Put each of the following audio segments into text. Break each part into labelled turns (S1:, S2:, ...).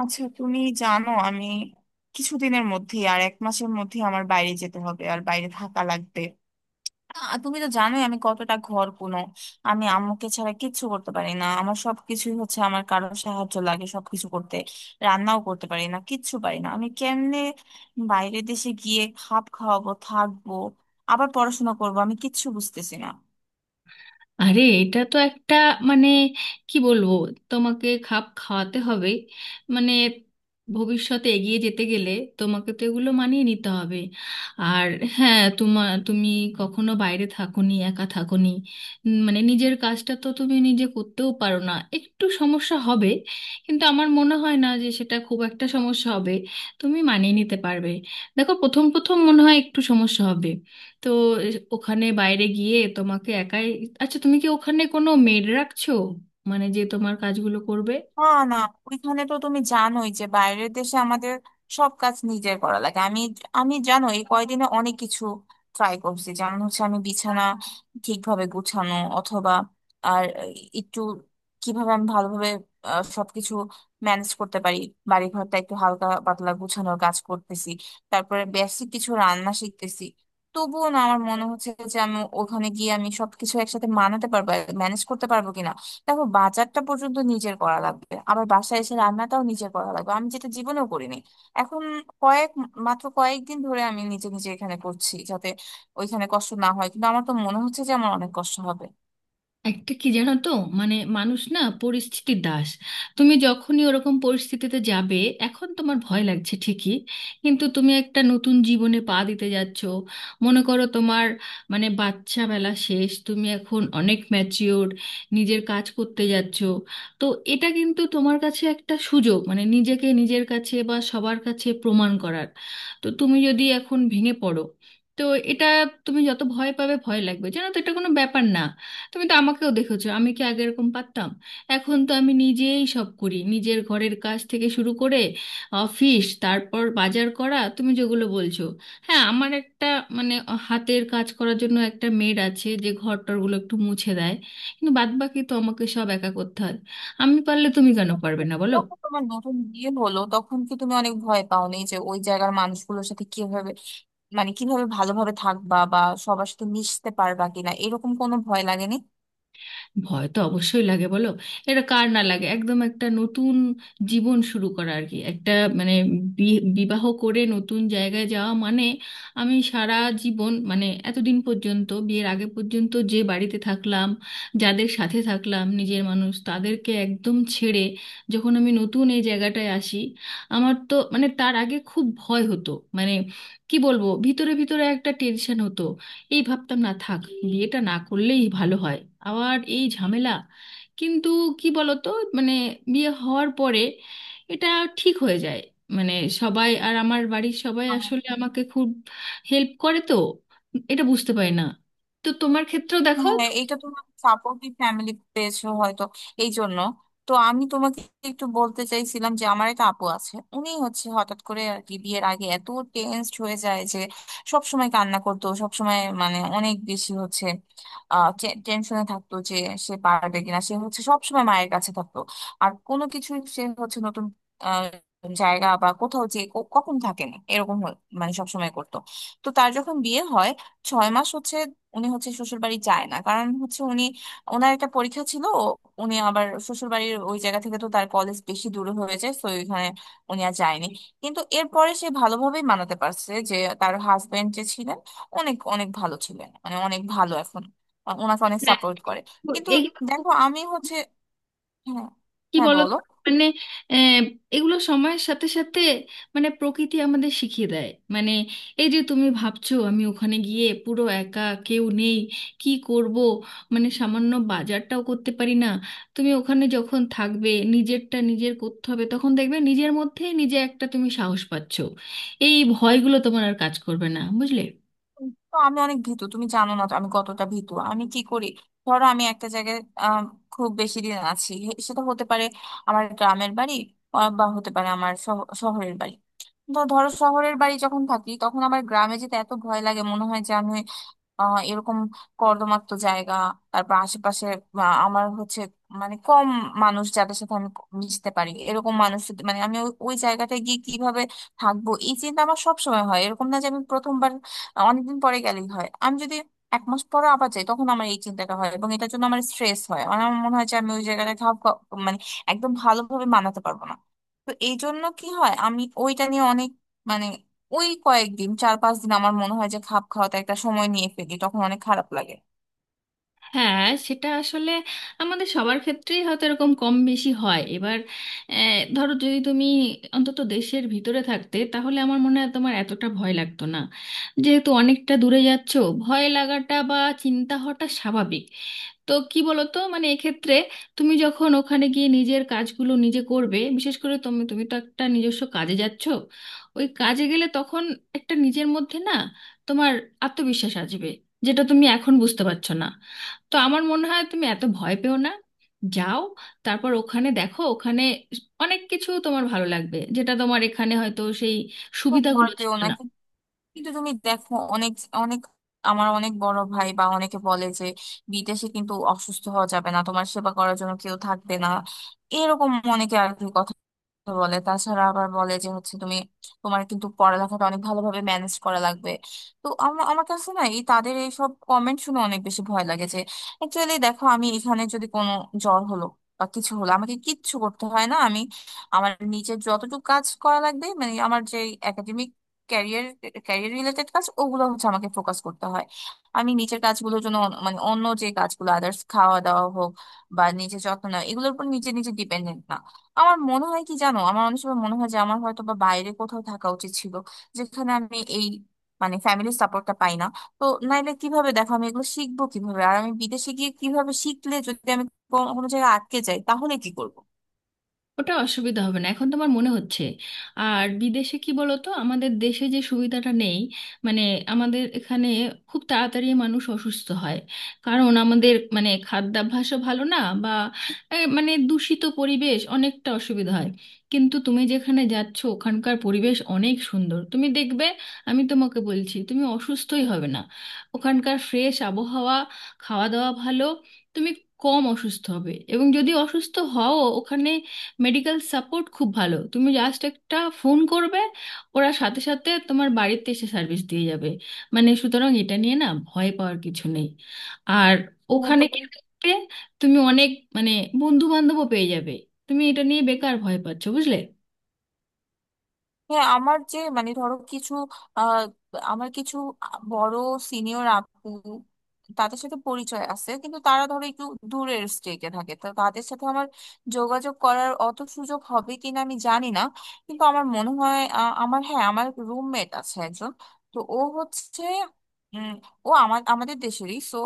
S1: আচ্ছা তুমি জানো আমি কিছুদিনের মধ্যে আর এক মাসের মধ্যে আমার বাইরে যেতে হবে আর বাইরে থাকা লাগবে। তুমি তো জানোই আমি কতটা ঘর কোনো। আমি আম্মুকে ছাড়া কিচ্ছু করতে পারি না, আমার সবকিছুই হচ্ছে আমার কারো সাহায্য লাগে সবকিছু করতে। রান্নাও করতে পারি না, কিচ্ছু পারি না, আমি কেমনে বাইরের দেশে গিয়ে খাপ খাওয়াবো, থাকবো, আবার পড়াশোনা করবো? আমি কিচ্ছু বুঝতেছি না।
S2: আরে, এটা তো একটা, মানে কি বলবো, তোমাকে খাপ খাওয়াতে হবে। মানে ভবিষ্যতে এগিয়ে যেতে গেলে তোমাকে তো এগুলো মানিয়ে নিতে হবে। আর হ্যাঁ, তোমার তুমি কখনো বাইরে থাকোনি, একা থাকোনি। মানে নিজের কাজটা তো তুমি নিজে করতেও পারো না, একটু সমস্যা হবে। কিন্তু আমার মনে হয় না যে সেটা খুব একটা সমস্যা হবে। তুমি মানিয়ে নিতে পারবে। দেখো প্রথম প্রথম মনে হয় একটু সমস্যা হবে। তো ওখানে বাইরে গিয়ে তোমাকে একাই। আচ্ছা তুমি কি ওখানে কোনো মেড রাখছো? মানে যে তোমার কাজগুলো করবে।
S1: না। না। ওইখানে তো তুমি জানোই যে বাইরের দেশে আমাদের সব কাজ নিজের করা লাগে। আমি আমি জানো এই কয়দিনে অনেক কিছু ট্রাই করছি, যেমন হচ্ছে আমি বিছানা ঠিকভাবে গুছানো অথবা আর একটু কিভাবে আমি ভালোভাবে সবকিছু ম্যানেজ করতে পারি। বাড়ি ঘরটা একটু হালকা পাতলা গুছানোর কাজ করতেছি, তারপরে বেসিক কিছু রান্না শিখতেছি। তবুও না, আমার মনে হচ্ছে যে আমি ওখানে গিয়ে আমি সবকিছু একসাথে মানাতে পারবো, ম্যানেজ করতে পারবো কিনা। দেখো বাজারটা পর্যন্ত নিজের করা লাগবে, আবার বাসায় এসে রান্নাটাও নিজের করা লাগবে, আমি যেটা জীবনেও করিনি। এখন কয়েক মাত্র কয়েকদিন ধরে আমি নিজে নিজে এখানে করছি যাতে ওইখানে কষ্ট না হয়, কিন্তু আমার তো মনে হচ্ছে যে আমার অনেক কষ্ট হবে।
S2: একটা কি জানো তো, মানে মানুষ না পরিস্থিতির দাস। তুমি যখনই ওরকম পরিস্থিতিতে যাবে, এখন তোমার ভয় লাগছে ঠিকই, কিন্তু তুমি একটা নতুন জীবনে পা দিতে যাচ্ছ। মনে করো তোমার, মানে বাচ্চা বেলা শেষ, তুমি এখন অনেক ম্যাচিওর, নিজের কাজ করতে যাচ্ছ। তো এটা কিন্তু তোমার কাছে একটা সুযোগ, মানে নিজেকে নিজের কাছে বা সবার কাছে প্রমাণ করার। তো তুমি যদি এখন ভেঙে পড়ো, তো এটা, তুমি যত ভয় পাবে, ভয় লাগবে, জানো তো এটা কোনো ব্যাপার না। তুমি তো আমাকেও দেখেছো, আমি কি আগে এরকম পারতাম? এখন তো আমি নিজেই সব করি, নিজের ঘরের কাজ থেকে শুরু করে অফিস, তারপর বাজার করা, তুমি যেগুলো বলছো। হ্যাঁ, আমার একটা, মানে হাতের কাজ করার জন্য একটা মেড আছে যে ঘর টরগুলো একটু মুছে দেয়, কিন্তু বাদবাকি তো আমাকে সব একা করতে হয়। আমি পারলে তুমি কেন পারবে না, বলো?
S1: তখন তোমার নতুন বিয়ে হলো তখন কি তুমি অনেক ভয় পাওনি যে ওই জায়গার মানুষগুলোর সাথে কিভাবে, মানে কিভাবে ভালোভাবে থাকবা, বা সবার সাথে মিশতে পারবা কিনা, এরকম কোনো ভয় লাগেনি?
S2: ভয় তো অবশ্যই লাগে, বলো। এটা কার না লাগে, একদম একটা নতুন জীবন শুরু করা আর কি, একটা মানে বিবাহ করে নতুন জায়গায় যাওয়া মানে আমি সারা জীবন, মানে এতদিন পর্যন্ত, বিয়ের আগে পর্যন্ত যে বাড়িতে থাকলাম, যাদের সাথে থাকলাম, নিজের মানুষ তাদেরকে একদম ছেড়ে যখন আমি নতুন এই জায়গাটায় আসি, আমার তো, মানে তার আগে খুব ভয় হতো। মানে কি বলবো, ভিতরে ভিতরে একটা টেনশন হতো। এই ভাবতাম, না থাক, বিয়েটা না করলেই ভালো হয়, আবার এই ঝামেলা। কিন্তু কি বলতো, মানে বিয়ে হওয়ার পরে এটা ঠিক হয়ে যায়। মানে সবাই, আর আমার বাড়ির সবাই আসলে আমাকে খুব হেল্প করে তো, এটা বুঝতে পারি না। তো তোমার ক্ষেত্রেও দেখো।
S1: হ্যাঁ, এটা তোমার সাপোর্টিভ ফ্যামিলি পেয়েছো হয়তো এই জন্য। তো আমি তোমাকে একটু বলতে চাইছিলাম যে আমার একটা আপু আছে, উনি হচ্ছে হঠাৎ করে আর কি বিয়ের আগে এত টেনসড হয়ে যায় যে সব সময় কান্না করতো, সব সময় মানে অনেক বেশি হচ্ছে আহ টেনশনে থাকতো যে সে পারবে কিনা, সে হচ্ছে সব সময় মায়ের কাছে থাকতো, আর কোনো কিছুই সে হচ্ছে নতুন আহ, জায়গা বা কোথাও যে কখন থাকে না, মানে সবসময় করতো। তো তার যখন বিয়ে হয় 6 মাস হচ্ছে উনি হচ্ছে শ্বশুর বাড়ি যায় না, কারণ হচ্ছে উনি, ওনার একটা পরীক্ষা ছিল। উনি আবার শ্বশুর বাড়ির ওই জায়গা থেকে তো তার কলেজ বেশি দূরে হয়ে যায়, তো ওইখানে উনি আর যায়নি। কিন্তু এরপরে সে ভালোভাবেই মানাতে পারছে, যে তার হাজবেন্ড যে ছিলেন অনেক অনেক ভালো ছিলেন, মানে অনেক ভালো, এখন ওনাকে অনেক
S2: হ্যাঁ,
S1: সাপোর্ট করে।
S2: তো
S1: কিন্তু
S2: এই
S1: দেখো আমি হচ্ছে। হ্যাঁ।
S2: কি
S1: হ্যাঁ,
S2: বলতো,
S1: বলো।
S2: মানে আহ, এগুলো সময়ের সাথে সাথে, মানে প্রকৃতি আমাদের শিখিয়ে দেয়। মানে এই যে তুমি ভাবছো আমি ওখানে গিয়ে পুরো একা, কেউ নেই, কি করব, মানে সামান্য বাজারটাও করতে পারি না। তুমি ওখানে যখন থাকবে, নিজেরটা নিজের করতে হবে, তখন দেখবে নিজের মধ্যেই নিজে একটা তুমি সাহস পাচ্ছো। এই ভয়গুলো তোমার আর কাজ করবে না, বুঝলে।
S1: তো আমি অনেক ভীতু, তুমি জানো না তো আমি কতটা ভীতু। আমি কি করি, ধরো আমি একটা জায়গায় আম, খুব বেশি দিন আছি, সেটা হতে পারে আমার গ্রামের বাড়ি, বা হতে পারে আমার শহরের বাড়ি। তো ধরো শহরের বাড়ি যখন থাকি তখন আমার গ্রামে যেতে এত ভয় লাগে, মনে হয় এরকম কর্দমাক্ত জায়গা, তারপর আশেপাশে আমার হচ্ছে মানে কম মানুষ যাদের সাথে আমি মিশতে পারি, এরকম মানুষ মানে আমি ওই ওই জায়গাটায় গিয়ে কিভাবে থাকবো, এই চিন্তা আমার সবসময় হয়। এরকম না যে আমি প্রথমবার অনেকদিন পরে গেলেই হয়, আমি যদি এক মাস পরে আবার যাই তখন আমার এই চিন্তাটা হয়, এবং এটার জন্য আমার স্ট্রেস হয়, মানে আমার মনে হয় যে আমি ওই জায়গাটা মানে একদম ভালোভাবে মানাতে পারবো না। তো এই জন্য কি হয়, আমি ওইটা নিয়ে অনেক, মানে ওই কয়েকদিন, 4-5 দিন আমার মনে হয় যে খাপ খাওয়াতে একটা সময় নিয়ে ফেলি, তখন অনেক খারাপ লাগে।
S2: হ্যাঁ, সেটা আসলে আমাদের সবার ক্ষেত্রেই হয়তো এরকম কম বেশি হয়। এবার ধরো যদি তুমি অন্তত দেশের ভিতরে থাকতে তাহলে আমার মনে হয় তোমার এতটা ভয় লাগতো না, যেহেতু অনেকটা দূরে যাচ্ছো। ভয় লাগাটা বা চিন্তা হওয়াটা স্বাভাবিক। তো কি বলতো, মানে এক্ষেত্রে তুমি যখন ওখানে গিয়ে নিজের কাজগুলো নিজে করবে, বিশেষ করে তুমি তুমি তো একটা নিজস্ব কাজে যাচ্ছ, ওই কাজে গেলে তখন একটা নিজের মধ্যে না তোমার আত্মবিশ্বাস আসবে, যেটা তুমি এখন বুঝতে পারছো না। তো আমার মনে হয় তুমি এত ভয় পেও না, যাও। তারপর ওখানে দেখো, ওখানে অনেক কিছু তোমার ভালো লাগবে, যেটা তোমার এখানে হয়তো সেই
S1: খুব ভয়
S2: সুবিধাগুলো
S1: পেও
S2: ছিল
S1: না।
S2: না।
S1: কিন্তু তুমি দেখো অনেক অনেক, আমার অনেক বড় ভাই বা অনেকে বলে যে বিদেশে কিন্তু অসুস্থ হওয়া যাবে না, তোমার সেবা করার জন্য কেউ থাকবে না, এরকম অনেকে আর কি। তো বলে, তাছাড়া আবার বলে যে হচ্ছে তুমি, তোমার কিন্তু পড়ালেখাটা অনেক ভালোভাবে ম্যানেজ করা লাগবে। তো আমার কাছে না এই তাদের এইসব কমেন্ট শুনে অনেক বেশি ভয় লাগে যে অ্যাকচুয়ালি, দেখো আমি এখানে যদি কোনো জ্বর হলো বা কিছু হলো আমাকে কিচ্ছু করতে হয় না। আমি, আমার নিজের যতটুকু কাজ করা লাগবে, মানে আমার যে একাডেমিক ক্যারিয়ার, ক্যারিয়ার রিলেটেড কাজ, ওগুলো হচ্ছে আমাকে ফোকাস করতে হয়। আমি নিজের কাজগুলোর জন্য মানে অন্য যে কাজগুলো আদার্স, খাওয়া দাওয়া হোক বা নিজের যত্ন নেওয়া, এগুলোর উপর নিজে নিজে ডিপেন্ডেন্ট না। আমার মনে হয় কি জানো, আমার অনেক সময় মনে হয় যে আমার হয়তো বা বাইরে কোথাও থাকা উচিত ছিল, যেখানে আমি এই মানে ফ্যামিলির সাপোর্টটা পাই না। তো নাইলে কিভাবে দেখো আমি এগুলো শিখবো, কিভাবে আর আমি বিদেশে গিয়ে কিভাবে শিখলে, যদি আমি কোনো কোনো জায়গায় আটকে যাই তাহলে কি করবো?
S2: ওটা অসুবিধা হবে না, এখন তোমার মনে হচ্ছে। আর বিদেশে কি বলতো, আমাদের দেশে যে সুবিধাটা নেই, মানে আমাদের এখানে খুব তাড়াতাড়ি মানুষ অসুস্থ হয়, কারণ আমাদের মানে খাদ্যাভ্যাসও ভালো না, বা মানে দূষিত পরিবেশ অনেকটা অসুবিধা হয়। কিন্তু তুমি যেখানে যাচ্ছ ওখানকার পরিবেশ অনেক সুন্দর, তুমি দেখবে। আমি তোমাকে বলছি তুমি অসুস্থই হবে না। ওখানকার ফ্রেশ আবহাওয়া, খাওয়া দাওয়া ভালো, তুমি কম অসুস্থ হবে। এবং যদি অসুস্থ হও, ওখানে মেডিকেল সাপোর্ট খুব ভালো। তুমি জাস্ট একটা ফোন করবে, ওরা সাথে সাথে তোমার বাড়িতে এসে সার্ভিস দিয়ে যাবে। মানে সুতরাং এটা নিয়ে না ভয় পাওয়ার কিছু নেই। আর
S1: হ্যাঁ,
S2: ওখানে
S1: তো
S2: গিয়ে দেখবে, তুমি অনেক, মানে বন্ধু বান্ধবও পেয়ে যাবে। তুমি এটা নিয়ে বেকার ভয় পাচ্ছো, বুঝলে।
S1: হ্যাঁ, আমার যে মানে ধরো কিছু আহ আমার কিছু বড় সিনিয়র আপু, তাদের সাথে পরিচয় আছে কিন্তু তারা ধরো একটু দূরের স্টেটে থাকে, তো তাদের সাথে আমার যোগাযোগ করার অত সুযোগ হবে কিনা আমি জানি না। কিন্তু আমার মনে হয় আমার, হ্যাঁ আমার রুমমেট আছে একজন, তো ও হচ্ছে উম ও আমার আমাদের দেশেরই, সো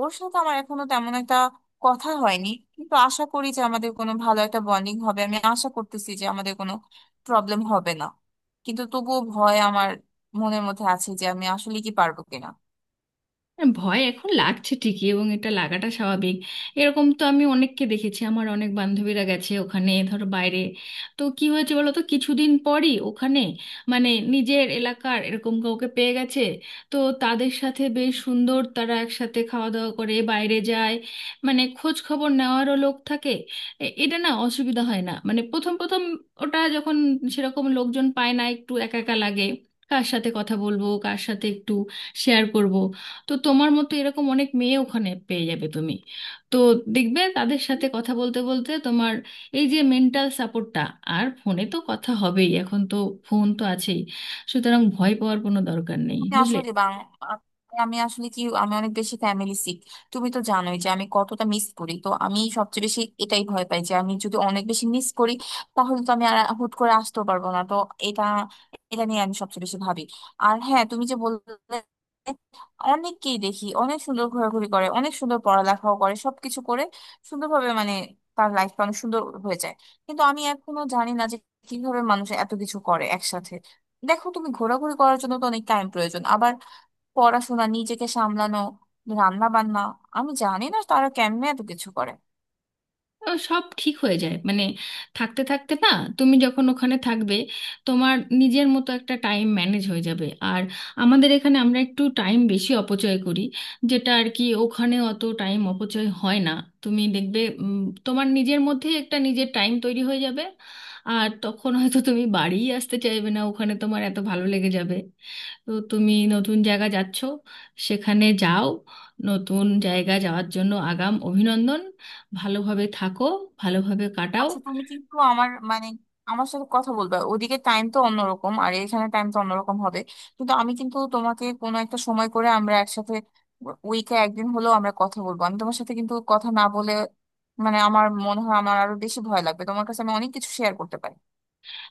S1: ওর সাথে আমার এখনো তেমন একটা কথা হয়নি। কিন্তু আশা করি যে আমাদের কোনো ভালো একটা বন্ডিং হবে, আমি আশা করতেছি যে আমাদের কোনো প্রবলেম হবে না। কিন্তু তবুও ভয় আমার মনের মধ্যে আছে যে আমি আসলে কি পারবো কিনা।
S2: হ্যাঁ, ভয় এখন লাগছে ঠিকই এবং এটা লাগাটা স্বাভাবিক। এরকম তো আমি অনেককে দেখেছি, আমার অনেক বান্ধবীরা গেছে ওখানে, ধরো বাইরে। তো কি হয়েছে বলো তো, কিছুদিন পরই ওখানে, মানে নিজের এলাকার এরকম কাউকে পেয়ে গেছে। তো তাদের সাথে বেশ সুন্দর, তারা একসাথে খাওয়া দাওয়া করে, বাইরে যায়। মানে খোঁজ খবর নেওয়ারও লোক থাকে। এটা না অসুবিধা হয় না, মানে প্রথম প্রথম ওটা যখন সেরকম লোকজন পায় না, একটু একা একা লাগে। কার সাথে কথা বলবো, কার সাথে একটু শেয়ার করব। তো তোমার মতো এরকম অনেক মেয়ে ওখানে পেয়ে যাবে তুমি। তো দেখবে তাদের সাথে কথা বলতে বলতে তোমার এই যে মেন্টাল সাপোর্টটা, আর ফোনে তো কথা হবেই, এখন তো ফোন তো আছেই। সুতরাং ভয় পাওয়ার কোনো দরকার নেই,
S1: আমি
S2: বুঝলে।
S1: আসলে বাং- আ- আমি আসলে কি, আমি অনেক বেশি ফ্যামিলি সিক, তুমি তো জানোই যে আমি কতটা মিস করি। তো আমি সবচেয়ে বেশি এটাই ভয় পাই যে আমি যদি অনেক বেশি মিস করি তাহলে তো আমি আর হুট করে আসতেও পারবো না। তো এটা, এটা নিয়ে আমি সবচেয়ে বেশি ভাবি। আর হ্যাঁ তুমি যে বললে, অনেককেই দেখি অনেক সুন্দর ঘোরাঘুরি করে, অনেক সুন্দর পড়ালেখাও করে, সবকিছু করে সুন্দরভাবে, মানে তার লাইফটা অনেক সুন্দর হয়ে যায়। কিন্তু আমি এখনো জানি না যে কিভাবে মানুষ এত কিছু করে একসাথে। দেখো তুমি ঘোরাঘুরি করার জন্য তো অনেক টাইম প্রয়োজন, আবার পড়াশোনা, নিজেকে সামলানো, রান্না বান্না, আমি জানি না তারা কেমনে এত কিছু করে।
S2: ও সব ঠিক হয়ে যায়, মানে থাকতে থাকতে না, তুমি যখন ওখানে থাকবে তোমার নিজের মতো একটা টাইম ম্যানেজ হয়ে যাবে। আর আমাদের এখানে আমরা একটু টাইম বেশি অপচয় করি, যেটা আর কি ওখানে অত টাইম অপচয় হয় না। তুমি দেখবে তোমার নিজের মধ্যেই একটা নিজের টাইম তৈরি হয়ে যাবে। আর তখন হয়তো তুমি বাড়িই আসতে চাইবে না, ওখানে তোমার এত ভালো লেগে যাবে। তো তুমি নতুন জায়গা যাচ্ছ, সেখানে যাও। নতুন জায়গা যাওয়ার জন্য আগাম অভিনন্দন। ভালোভাবে থাকো, ভালোভাবে কাটাও।
S1: আচ্ছা তুমি কিন্তু আমার মানে আমার সাথে কথা বলবে, ওদিকে টাইম তো অন্যরকম আর এখানে টাইম তো অন্যরকম হবে। কিন্তু আমি, কিন্তু তোমাকে কোনো একটা সময় করে আমরা একসাথে উইকে একদিন হলেও আমরা কথা বলবো, আমি তোমার সাথে কিন্তু কথা না বলে মানে আমার মনে হয় আমার আরো বেশি ভয় লাগবে, তোমার কাছে আমি অনেক কিছু শেয়ার করতে পারি।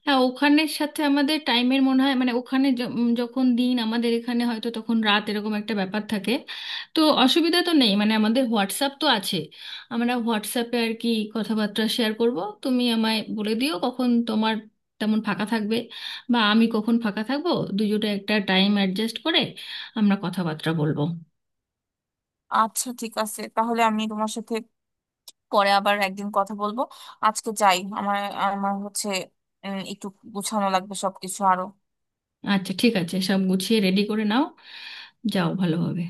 S2: হ্যাঁ, ওখানের সাথে আমাদের টাইমের মনে হয়, মানে ওখানে যখন দিন, আমাদের এখানে হয়তো তখন রাত, এরকম একটা ব্যাপার থাকে। তো অসুবিধা তো নেই, মানে আমাদের হোয়াটসঅ্যাপ তো আছে। আমরা হোয়াটসঅ্যাপে আর কি কথাবার্তা শেয়ার করব। তুমি আমায় বলে দিও কখন তোমার তেমন ফাঁকা থাকবে, বা আমি কখন ফাঁকা থাকবো। দুজোটা একটা টাইম অ্যাডজাস্ট করে আমরা কথাবার্তা বলবো।
S1: আচ্ছা ঠিক আছে, তাহলে আমি তোমার সাথে পরে আবার একদিন কথা বলবো। আজকে যাই, আমার, আমার হচ্ছে একটু গুছানো লাগবে সবকিছু আরো।
S2: আচ্ছা ঠিক আছে, সব গুছিয়ে রেডি করে নাও। যাও ভালোভাবে।